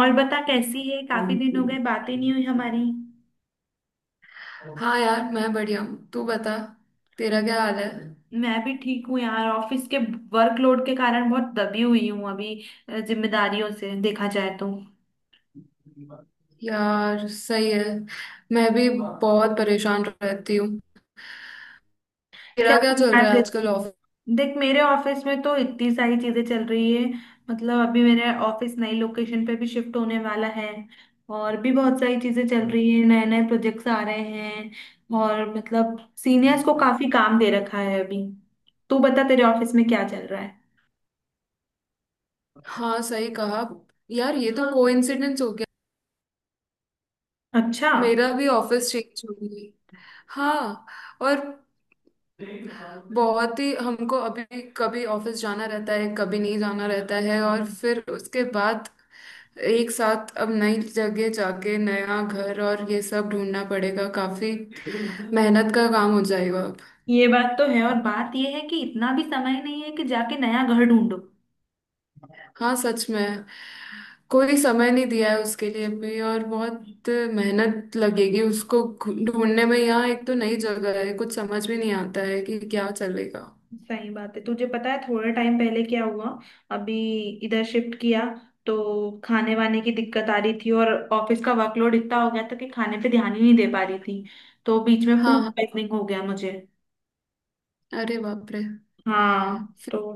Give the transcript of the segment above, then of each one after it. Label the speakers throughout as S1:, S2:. S1: और बता कैसी है। काफी दिन हो गए बातें नहीं हुई हमारी।
S2: हाँ यार मैं बढ़िया हूँ। तू बता। तेरा क्या हाल है।
S1: मैं भी ठीक हूँ यार। ऑफिस के वर्कलोड के कारण बहुत दबी हुई हूँ अभी, जिम्मेदारियों से देखा जाए तो।
S2: यार सही है। मैं भी बहुत परेशान रहती हूँ।
S1: क्या
S2: तेरा क्या चल रहा
S1: बात
S2: है
S1: है।
S2: आजकल ऑफिस।
S1: देख मेरे ऑफिस में तो इतनी सारी चीजें चल रही है। मतलब अभी मेरे ऑफिस नई लोकेशन पे भी शिफ्ट होने वाला है। और भी बहुत सारी चीजें चल रही है, नए नए प्रोजेक्ट्स आ रहे हैं, और मतलब सीनियर्स को काफी काम दे रखा है अभी। तू बता, तेरे ऑफिस में क्या चल रहा है।
S2: हाँ सही कहा। यार ये तो कोइंसिडेंस हो गया।
S1: अच्छा।
S2: मेरा भी ऑफिस चेंज हो गई। हाँ। और बहुत ही हमको अभी कभी ऑफिस जाना रहता है कभी नहीं जाना रहता है और फिर उसके बाद एक साथ अब नई जगह जाके नया घर और ये सब ढूंढना पड़ेगा। काफी मेहनत का काम हो जाएगा।
S1: ये बात तो है। और बात ये है कि इतना भी समय नहीं है कि जाके नया घर ढूंढो।
S2: हाँ सच में। कोई समय नहीं दिया है उसके लिए भी और बहुत मेहनत लगेगी उसको ढूंढने में। यहाँ एक तो नई जगह है, कुछ समझ भी नहीं आता है कि क्या चलेगा।
S1: सही बात है। तुझे पता है थोड़ा टाइम पहले क्या हुआ। अभी इधर शिफ्ट किया, तो खाने वाने की दिक्कत आ रही थी, और ऑफिस का वर्कलोड इतना हो गया था कि खाने पे ध्यान ही नहीं दे पा रही थी। तो बीच में
S2: हाँ
S1: फूड
S2: हाँ।
S1: पॉइजनिंग हो गया मुझे।
S2: अरे बाप रे।
S1: हाँ,
S2: फिर।
S1: तो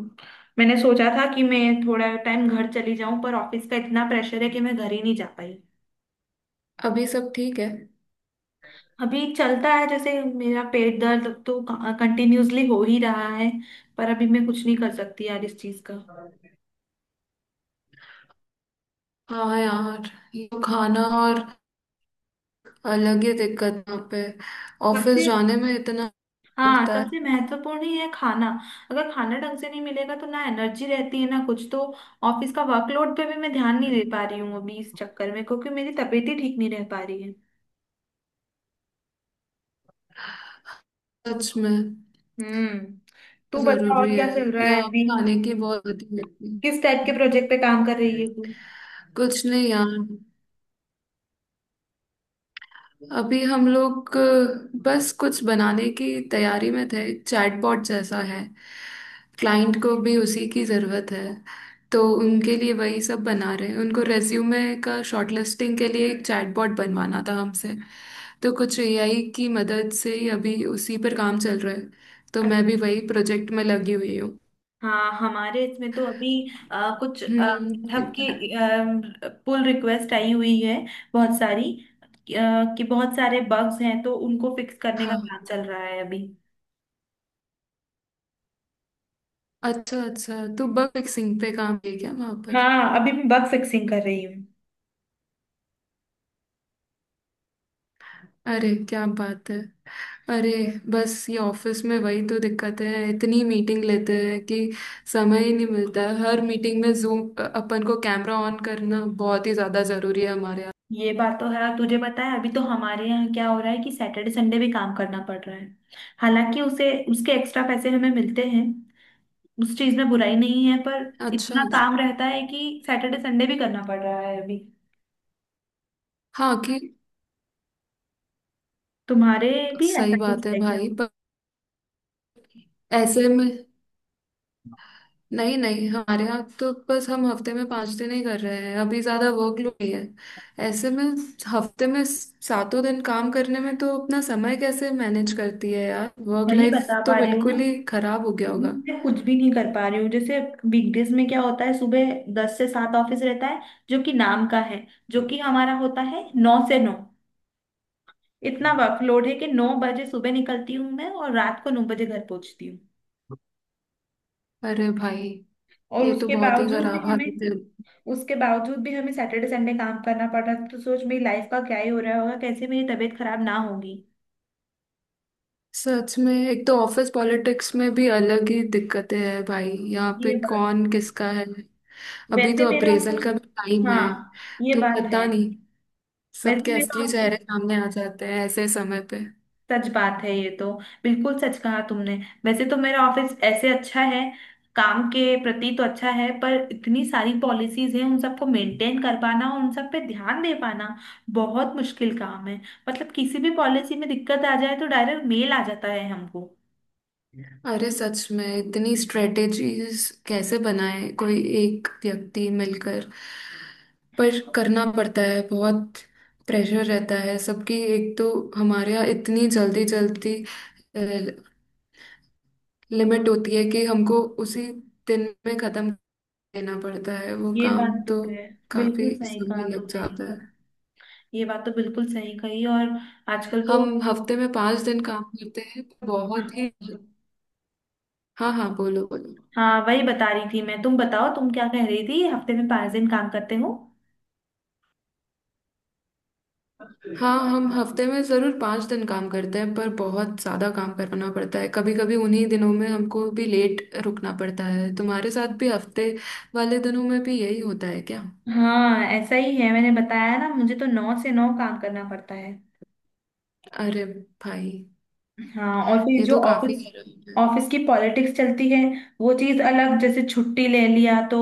S1: मैंने सोचा था कि मैं थोड़ा टाइम घर चली जाऊं, पर ऑफिस का इतना प्रेशर है कि मैं घर ही नहीं जा पाई।
S2: अभी सब ठीक है।
S1: अभी चलता है, जैसे मेरा पेट दर्द तो कंटिन्यूअसली हो ही रहा है, पर अभी मैं कुछ नहीं कर सकती यार इस चीज का।
S2: हाँ यार ये तो खाना और अलग ही दिक्कत यहाँ पे। ऑफिस
S1: सबसे,
S2: जाने में इतना
S1: हाँ,
S2: लगता है।
S1: सबसे महत्वपूर्ण ही है खाना। अगर खाना ढंग से नहीं मिलेगा तो ना एनर्जी रहती है ना कुछ। तो ऑफिस का वर्कलोड पे भी मैं ध्यान नहीं दे पा रही हूँ अभी इस चक्कर में, क्योंकि मेरी तबीयत ही ठीक नहीं रह पा रही है।
S2: सच में।
S1: हम्म। तू बता,
S2: जरूरी
S1: और
S2: है।
S1: क्या चल रहा है
S2: यहाँ
S1: अभी।
S2: खाने की बहुत आदत लगती है।
S1: किस टाइप के प्रोजेक्ट पे काम कर रही है तू।
S2: कुछ नहीं यार। अभी हम लोग बस कुछ बनाने की तैयारी में थे। चैटबॉट जैसा है। क्लाइंट को भी उसी की ज़रूरत है। तो उनके लिए वही सब बना रहे हैं। उनको रेज्यूमे का शॉर्टलिस्टिंग के लिए एक चैटबॉट बनवाना था हमसे। तो कुछ एआई की मदद से ही अभी उसी पर काम चल रहा है। तो मैं भी वही प्रोजेक्ट में लगी हुई हूँ।
S1: हाँ, हमारे इसमें तो अभी कुछ
S2: हम्म।
S1: गithub की पुल रिक्वेस्ट आई हुई है बहुत सारी। कि बहुत सारे बग्स हैं तो उनको फिक्स करने का
S2: हाँ।
S1: काम चल रहा है अभी।
S2: अच्छा अच्छा, तो बग फिक्सिंग पे काम है क्या वहाँ पर।
S1: हाँ, अभी मैं बग फिक्सिंग कर रही हूँ।
S2: अरे क्या बात है। अरे। बस ये ऑफिस में वही तो दिक्कत है, इतनी मीटिंग लेते हैं कि समय ही नहीं मिलता है। हर मीटिंग में जूम अपन को कैमरा ऑन करना बहुत ही ज्यादा जरूरी है हमारे यहाँ।
S1: ये बात तो है। और तुझे पता है अभी तो हमारे यहाँ क्या हो रहा है कि सैटरडे संडे भी काम करना पड़ रहा है। हालांकि उसे उसके एक्स्ट्रा पैसे हमें मिलते हैं, उस चीज में बुराई नहीं है, पर
S2: अच्छा
S1: इतना
S2: अच्छा।
S1: काम रहता है कि सैटरडे संडे भी करना पड़ रहा है अभी।
S2: हाँ कि।
S1: तुम्हारे भी
S2: सही
S1: ऐसा कुछ
S2: बात है
S1: है।
S2: भाई, पर ऐसे में। नहीं नहीं, हमारे यहाँ तो बस हम हफ्ते में पांच दिन ही कर रहे हैं अभी, ज्यादा वर्कलोड ही है। ऐसे में हफ्ते में सातों दिन काम करने में तो अपना समय कैसे मैनेज करती है यार। वर्क
S1: वही
S2: लाइफ
S1: बता
S2: तो
S1: पा रही हूँ ना।
S2: बिल्कुल ही खराब हो गया होगा।
S1: मैं कुछ भी नहीं कर पा रही हूँ। जैसे वीकडेज में क्या होता है, सुबह 10 से 7 ऑफिस रहता है जो कि नाम का है, जो कि हमारा होता है 9 से 9। इतना वर्कलोड है कि 9 बजे सुबह निकलती हूँ मैं और रात को 9 बजे घर पहुंचती हूँ।
S2: अरे भाई
S1: और
S2: ये तो
S1: उसके
S2: बहुत ही
S1: बावजूद भी
S2: खराब
S1: हमें,
S2: हालत है।
S1: उसके बावजूद भी हमें सैटरडे संडे काम करना पड़ रहा है, तो सोच मेरी लाइफ का क्या ही हो रहा होगा, कैसे मेरी तबीयत खराब ना होगी।
S2: सच में एक तो ऑफिस पॉलिटिक्स में भी अलग ही दिक्कतें हैं भाई, यहाँ पे
S1: ये बात
S2: कौन
S1: है।
S2: किसका है। अभी
S1: वैसे
S2: तो
S1: मेरा
S2: अप्रेजल
S1: ऑफिस,
S2: का भी टाइम है,
S1: हाँ, ये
S2: तो
S1: बात
S2: पता
S1: है।
S2: नहीं।
S1: वैसे
S2: सबके
S1: मेरा,
S2: असली चेहरे सामने आ जाते हैं ऐसे समय पे।
S1: सच बात है ये तो। बिल्कुल सच कहा तुमने। वैसे तो मेरा ऑफिस ऐसे अच्छा है, काम के प्रति तो अच्छा है, पर इतनी सारी पॉलिसीज हैं उन सबको मेंटेन कर पाना और उन सब पे ध्यान दे पाना बहुत मुश्किल काम है। मतलब किसी भी पॉलिसी में दिक्कत आ जाए तो डायरेक्ट मेल आ जाता है हमको।
S2: अरे सच में इतनी स्ट्रेटेजीज कैसे बनाए कोई एक व्यक्ति मिलकर। पर करना पड़ता है। बहुत प्रेशर रहता है सबकी। एक तो हमारे यहाँ इतनी जल्दी जल्दी लिमिट होती है कि हमको उसी दिन में खत्म देना पड़ता है वो
S1: ये बात
S2: काम,
S1: तो
S2: तो
S1: है। बिल्कुल
S2: काफी
S1: सही कहा
S2: समय लग
S1: तुमने ये
S2: जाता
S1: तो।
S2: है।
S1: ये बात तो बिल्कुल सही कही। और आजकल तो,
S2: हम हफ्ते में पांच दिन काम करते हैं
S1: हाँ,
S2: बहुत ही। हाँ हाँ, बोलो बोलो।
S1: हाँ, वही बता रही थी मैं। तुम बताओ, तुम क्या कह रही थी। हफ्ते में 5 दिन काम करते हो।
S2: हाँ हम हफ्ते में जरूर पाँच दिन काम करते हैं पर बहुत ज्यादा काम करना पड़ता है। कभी कभी उन्हीं दिनों में हमको भी लेट रुकना पड़ता है। तुम्हारे साथ भी हफ्ते वाले दिनों में भी यही होता है क्या।
S1: हाँ, ऐसा ही है। मैंने बताया ना, मुझे तो 9 से 9 काम करना पड़ता है।
S2: अरे भाई
S1: हाँ, और फिर
S2: ये
S1: जो
S2: तो काफी
S1: ऑफिस,
S2: गलत है।
S1: ऑफिस की पॉलिटिक्स चलती है वो चीज अलग। जैसे छुट्टी ले लिया, तो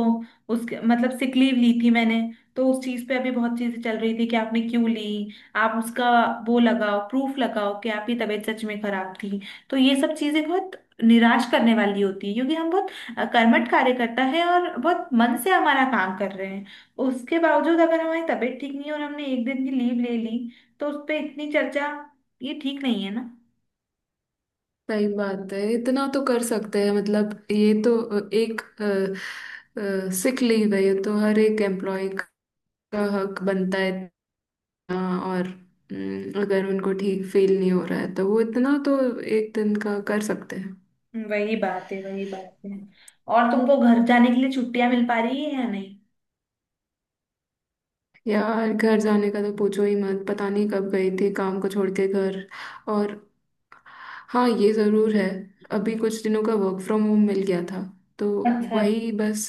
S1: उसके मतलब सिक लीव ली थी मैंने, तो उस चीज पे अभी बहुत चीजें चल रही थी कि आपने क्यों ली, आप उसका वो लगाओ, प्रूफ लगाओ कि आपकी तबीयत सच में खराब थी। तो ये सब चीजें बहुत निराश करने वाली होती है, क्योंकि हम बहुत कर्मठ कार्यकर्ता है और बहुत मन से हमारा काम कर रहे हैं। उसके बावजूद अगर हमारी तबीयत ठीक नहीं है और हमने 1 दिन की लीव ले ली, तो उस पर इतनी चर्चा, ये ठीक नहीं है ना।
S2: सही बात है, इतना तो कर सकते हैं, मतलब ये तो एक सिक लीव है। ये तो हर एक एम्प्लॉय का हक बनता है। हाँ, और। अगर उनको ठीक फील नहीं हो रहा है तो वो इतना तो एक दिन का कर सकते हैं।
S1: वही बात है, वही बात है। और तुमको घर जाने के लिए छुट्टियां मिल पा रही है या नहीं।
S2: यार घर जाने का तो पूछो ही मत। पता नहीं कब गई थी काम को छोड़ के घर। और हाँ ये ज़रूर है, अभी कुछ दिनों का वर्क फ्रॉम होम मिल गया था। तो
S1: अच्छा।
S2: वही बस,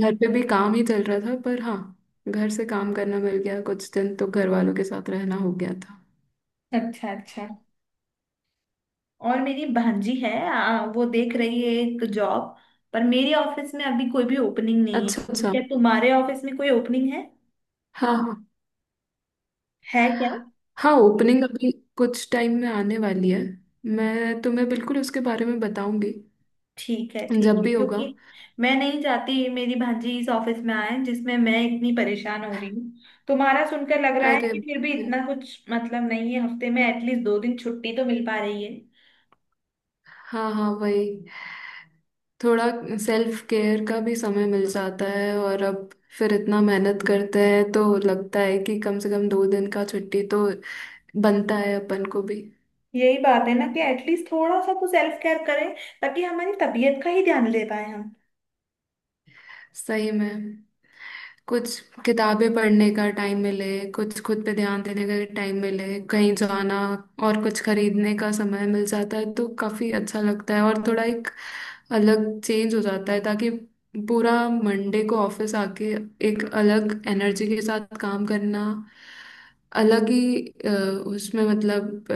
S2: घर पे भी काम ही चल रहा था। पर हाँ, घर से काम करना मिल गया कुछ दिन, तो घर वालों के साथ रहना हो गया था।
S1: अच्छा अच्छा। और मेरी भांजी है, वो देख रही है एक जॉब। पर मेरे ऑफिस में अभी कोई भी ओपनिंग नहीं
S2: अच्छा
S1: है।
S2: अच्छा।
S1: क्या तुम्हारे ऑफिस में कोई ओपनिंग है।
S2: हाँ हाँ।
S1: है क्या।
S2: हाँ ओपनिंग अभी कुछ टाइम में आने वाली है। मैं तुम्हें बिल्कुल उसके बारे में बताऊंगी
S1: ठीक है ठीक
S2: जब
S1: है,
S2: भी होगा।
S1: क्योंकि मैं नहीं चाहती मेरी भांजी इस ऑफिस में आए जिसमें मैं इतनी परेशान हो रही हूँ। तुम्हारा सुनकर लग रहा है
S2: अरे
S1: कि फिर भी इतना कुछ मतलब नहीं है, हफ्ते में एटलीस्ट 2 दिन छुट्टी तो मिल पा रही है।
S2: हाँ हाँ वही। थोड़ा सेल्फ केयर का भी समय मिल जाता है। और अब फिर इतना मेहनत करते हैं तो लगता है कि कम से कम दो दिन का छुट्टी तो बनता है अपन को भी।
S1: यही बात है ना कि एटलीस्ट थोड़ा सा तो सेल्फ केयर करें, ताकि हमारी तबीयत का ही ध्यान ले पाए हम।
S2: सही में। कुछ किताबें पढ़ने का टाइम मिले, कुछ खुद पे ध्यान देने का टाइम मिले, कहीं जाना और कुछ खरीदने का समय मिल जाता है तो काफी अच्छा लगता है। और थोड़ा एक अलग चेंज हो जाता है ताकि पूरा मंडे को ऑफिस आके एक अलग एनर्जी के साथ काम करना। अलग ही अ, उसमें मतलब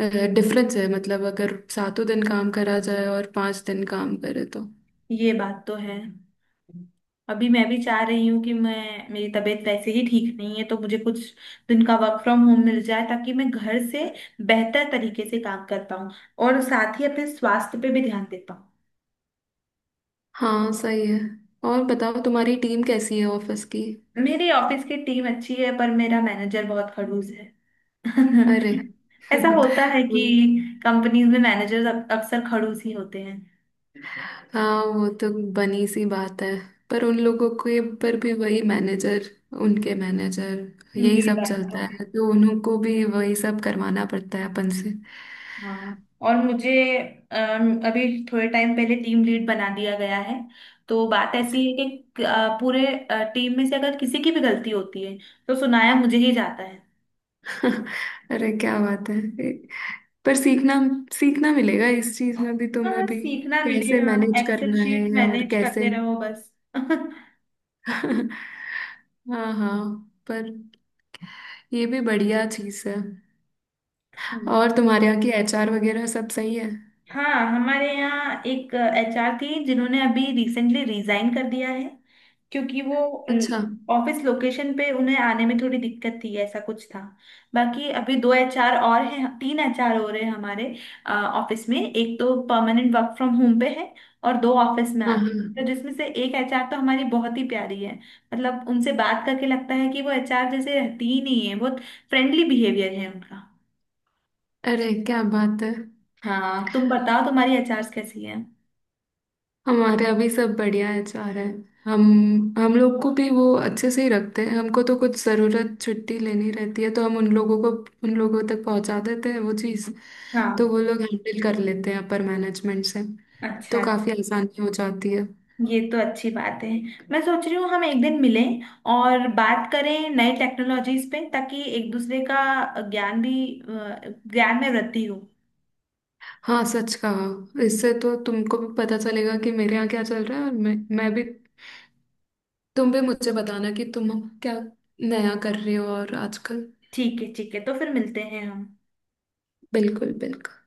S2: डिफरेंस है। मतलब अगर सातों दिन काम करा जाए और पांच दिन काम करे तो।
S1: ये बात तो है। अभी मैं भी चाह रही हूँ कि मैं, मेरी तबीयत वैसे ही ठीक नहीं है, तो मुझे कुछ दिन का वर्क फ्रॉम होम मिल जाए ताकि मैं घर से बेहतर तरीके से काम कर पाऊँ और साथ ही अपने स्वास्थ्य पे भी ध्यान दे पाऊँ।
S2: हाँ सही है। और बताओ तुम्हारी टीम कैसी है ऑफिस की।
S1: मेरी ऑफिस की टीम अच्छी है पर मेरा मैनेजर बहुत खड़ूस है।
S2: अरे
S1: ऐसा होता है कि
S2: वो-
S1: कंपनीज में मैनेजर्स अक्सर खड़ूस ही होते हैं।
S2: हाँ वो तो बनी सी बात है। पर उन लोगों के पर भी वही मैनेजर, उनके मैनेजर यही
S1: ये
S2: सब
S1: बात
S2: चलता
S1: तो है।
S2: है तो उन्हों को भी वही सब करवाना पड़ता है अपन से।
S1: हाँ, और मुझे अभी थोड़े टाइम पहले टीम लीड बना दिया गया है, तो बात ऐसी है कि पूरे टीम में से अगर किसी की भी गलती होती है, तो सुनाया मुझे ही जाता है।
S2: अरे क्या बात है। पर सीखना सीखना मिलेगा इस चीज में भी तुम्हें
S1: हाँ,
S2: भी।
S1: सीखना
S2: कैसे
S1: मिलेगा।
S2: मैनेज
S1: एक्सेल
S2: करना
S1: शीट
S2: है और
S1: मैनेज
S2: कैसे।
S1: करते रहो बस।
S2: हाँ हाँ। पर ये भी बढ़िया चीज है। और तुम्हारे यहाँ की एचआर वगैरह सब सही है।
S1: हाँ, हमारे यहाँ एक एचआर थी जिन्होंने अभी रिसेंटली रिजाइन कर दिया है, क्योंकि वो
S2: अच्छा।
S1: ऑफिस लोकेशन पे उन्हें आने में थोड़ी दिक्कत थी, ऐसा कुछ था। बाकी अभी 2 एचआर और हैं, 3 एचआर हो रहे हैं हमारे ऑफिस में। एक तो परमानेंट वर्क फ्रॉम होम पे है, और दो ऑफिस में आ।
S2: हाँ
S1: तो
S2: हाँ।
S1: जिसमें से एक एचआर तो हमारी बहुत ही प्यारी है, मतलब उनसे बात करके लगता है कि वो एचआर जैसे रहती ही नहीं है। बहुत फ्रेंडली बिहेवियर है उनका।
S2: अरे क्या बात है।
S1: हाँ, तुम बताओ तुम्हारी एचआर कैसी
S2: हमारे यहाँ भी सब बढ़िया एचआर है। हम हम लोग को भी वो अच्छे से ही रखते हैं। हमको तो कुछ ज़रूरत छुट्टी लेनी रहती है तो हम उन लोगों को उन लोगों तक पहुंचा देते हैं वो चीज़।
S1: है।
S2: तो वो लोग हैंडल कर लेते हैं अपर मैनेजमेंट से। तो
S1: अच्छा।
S2: काफ़ी आसानी हो जाती है।
S1: ये तो अच्छी बात है। मैं सोच रही हूँ हम 1 दिन मिलें और बात करें नए टेक्नोलॉजीज पे ताकि एक दूसरे का ज्ञान भी, अ, ज्ञान में वृद्धि हो।
S2: हाँ सच कहा। इससे तो तुमको भी पता चलेगा कि मेरे यहाँ क्या चल रहा है। और मैं भी, तुम भी मुझे बताना कि तुम क्या नया कर रहे हो और आजकल।
S1: ठीक है ठीक है, तो फिर मिलते हैं हम।
S2: बिल्कुल बिल्कुल।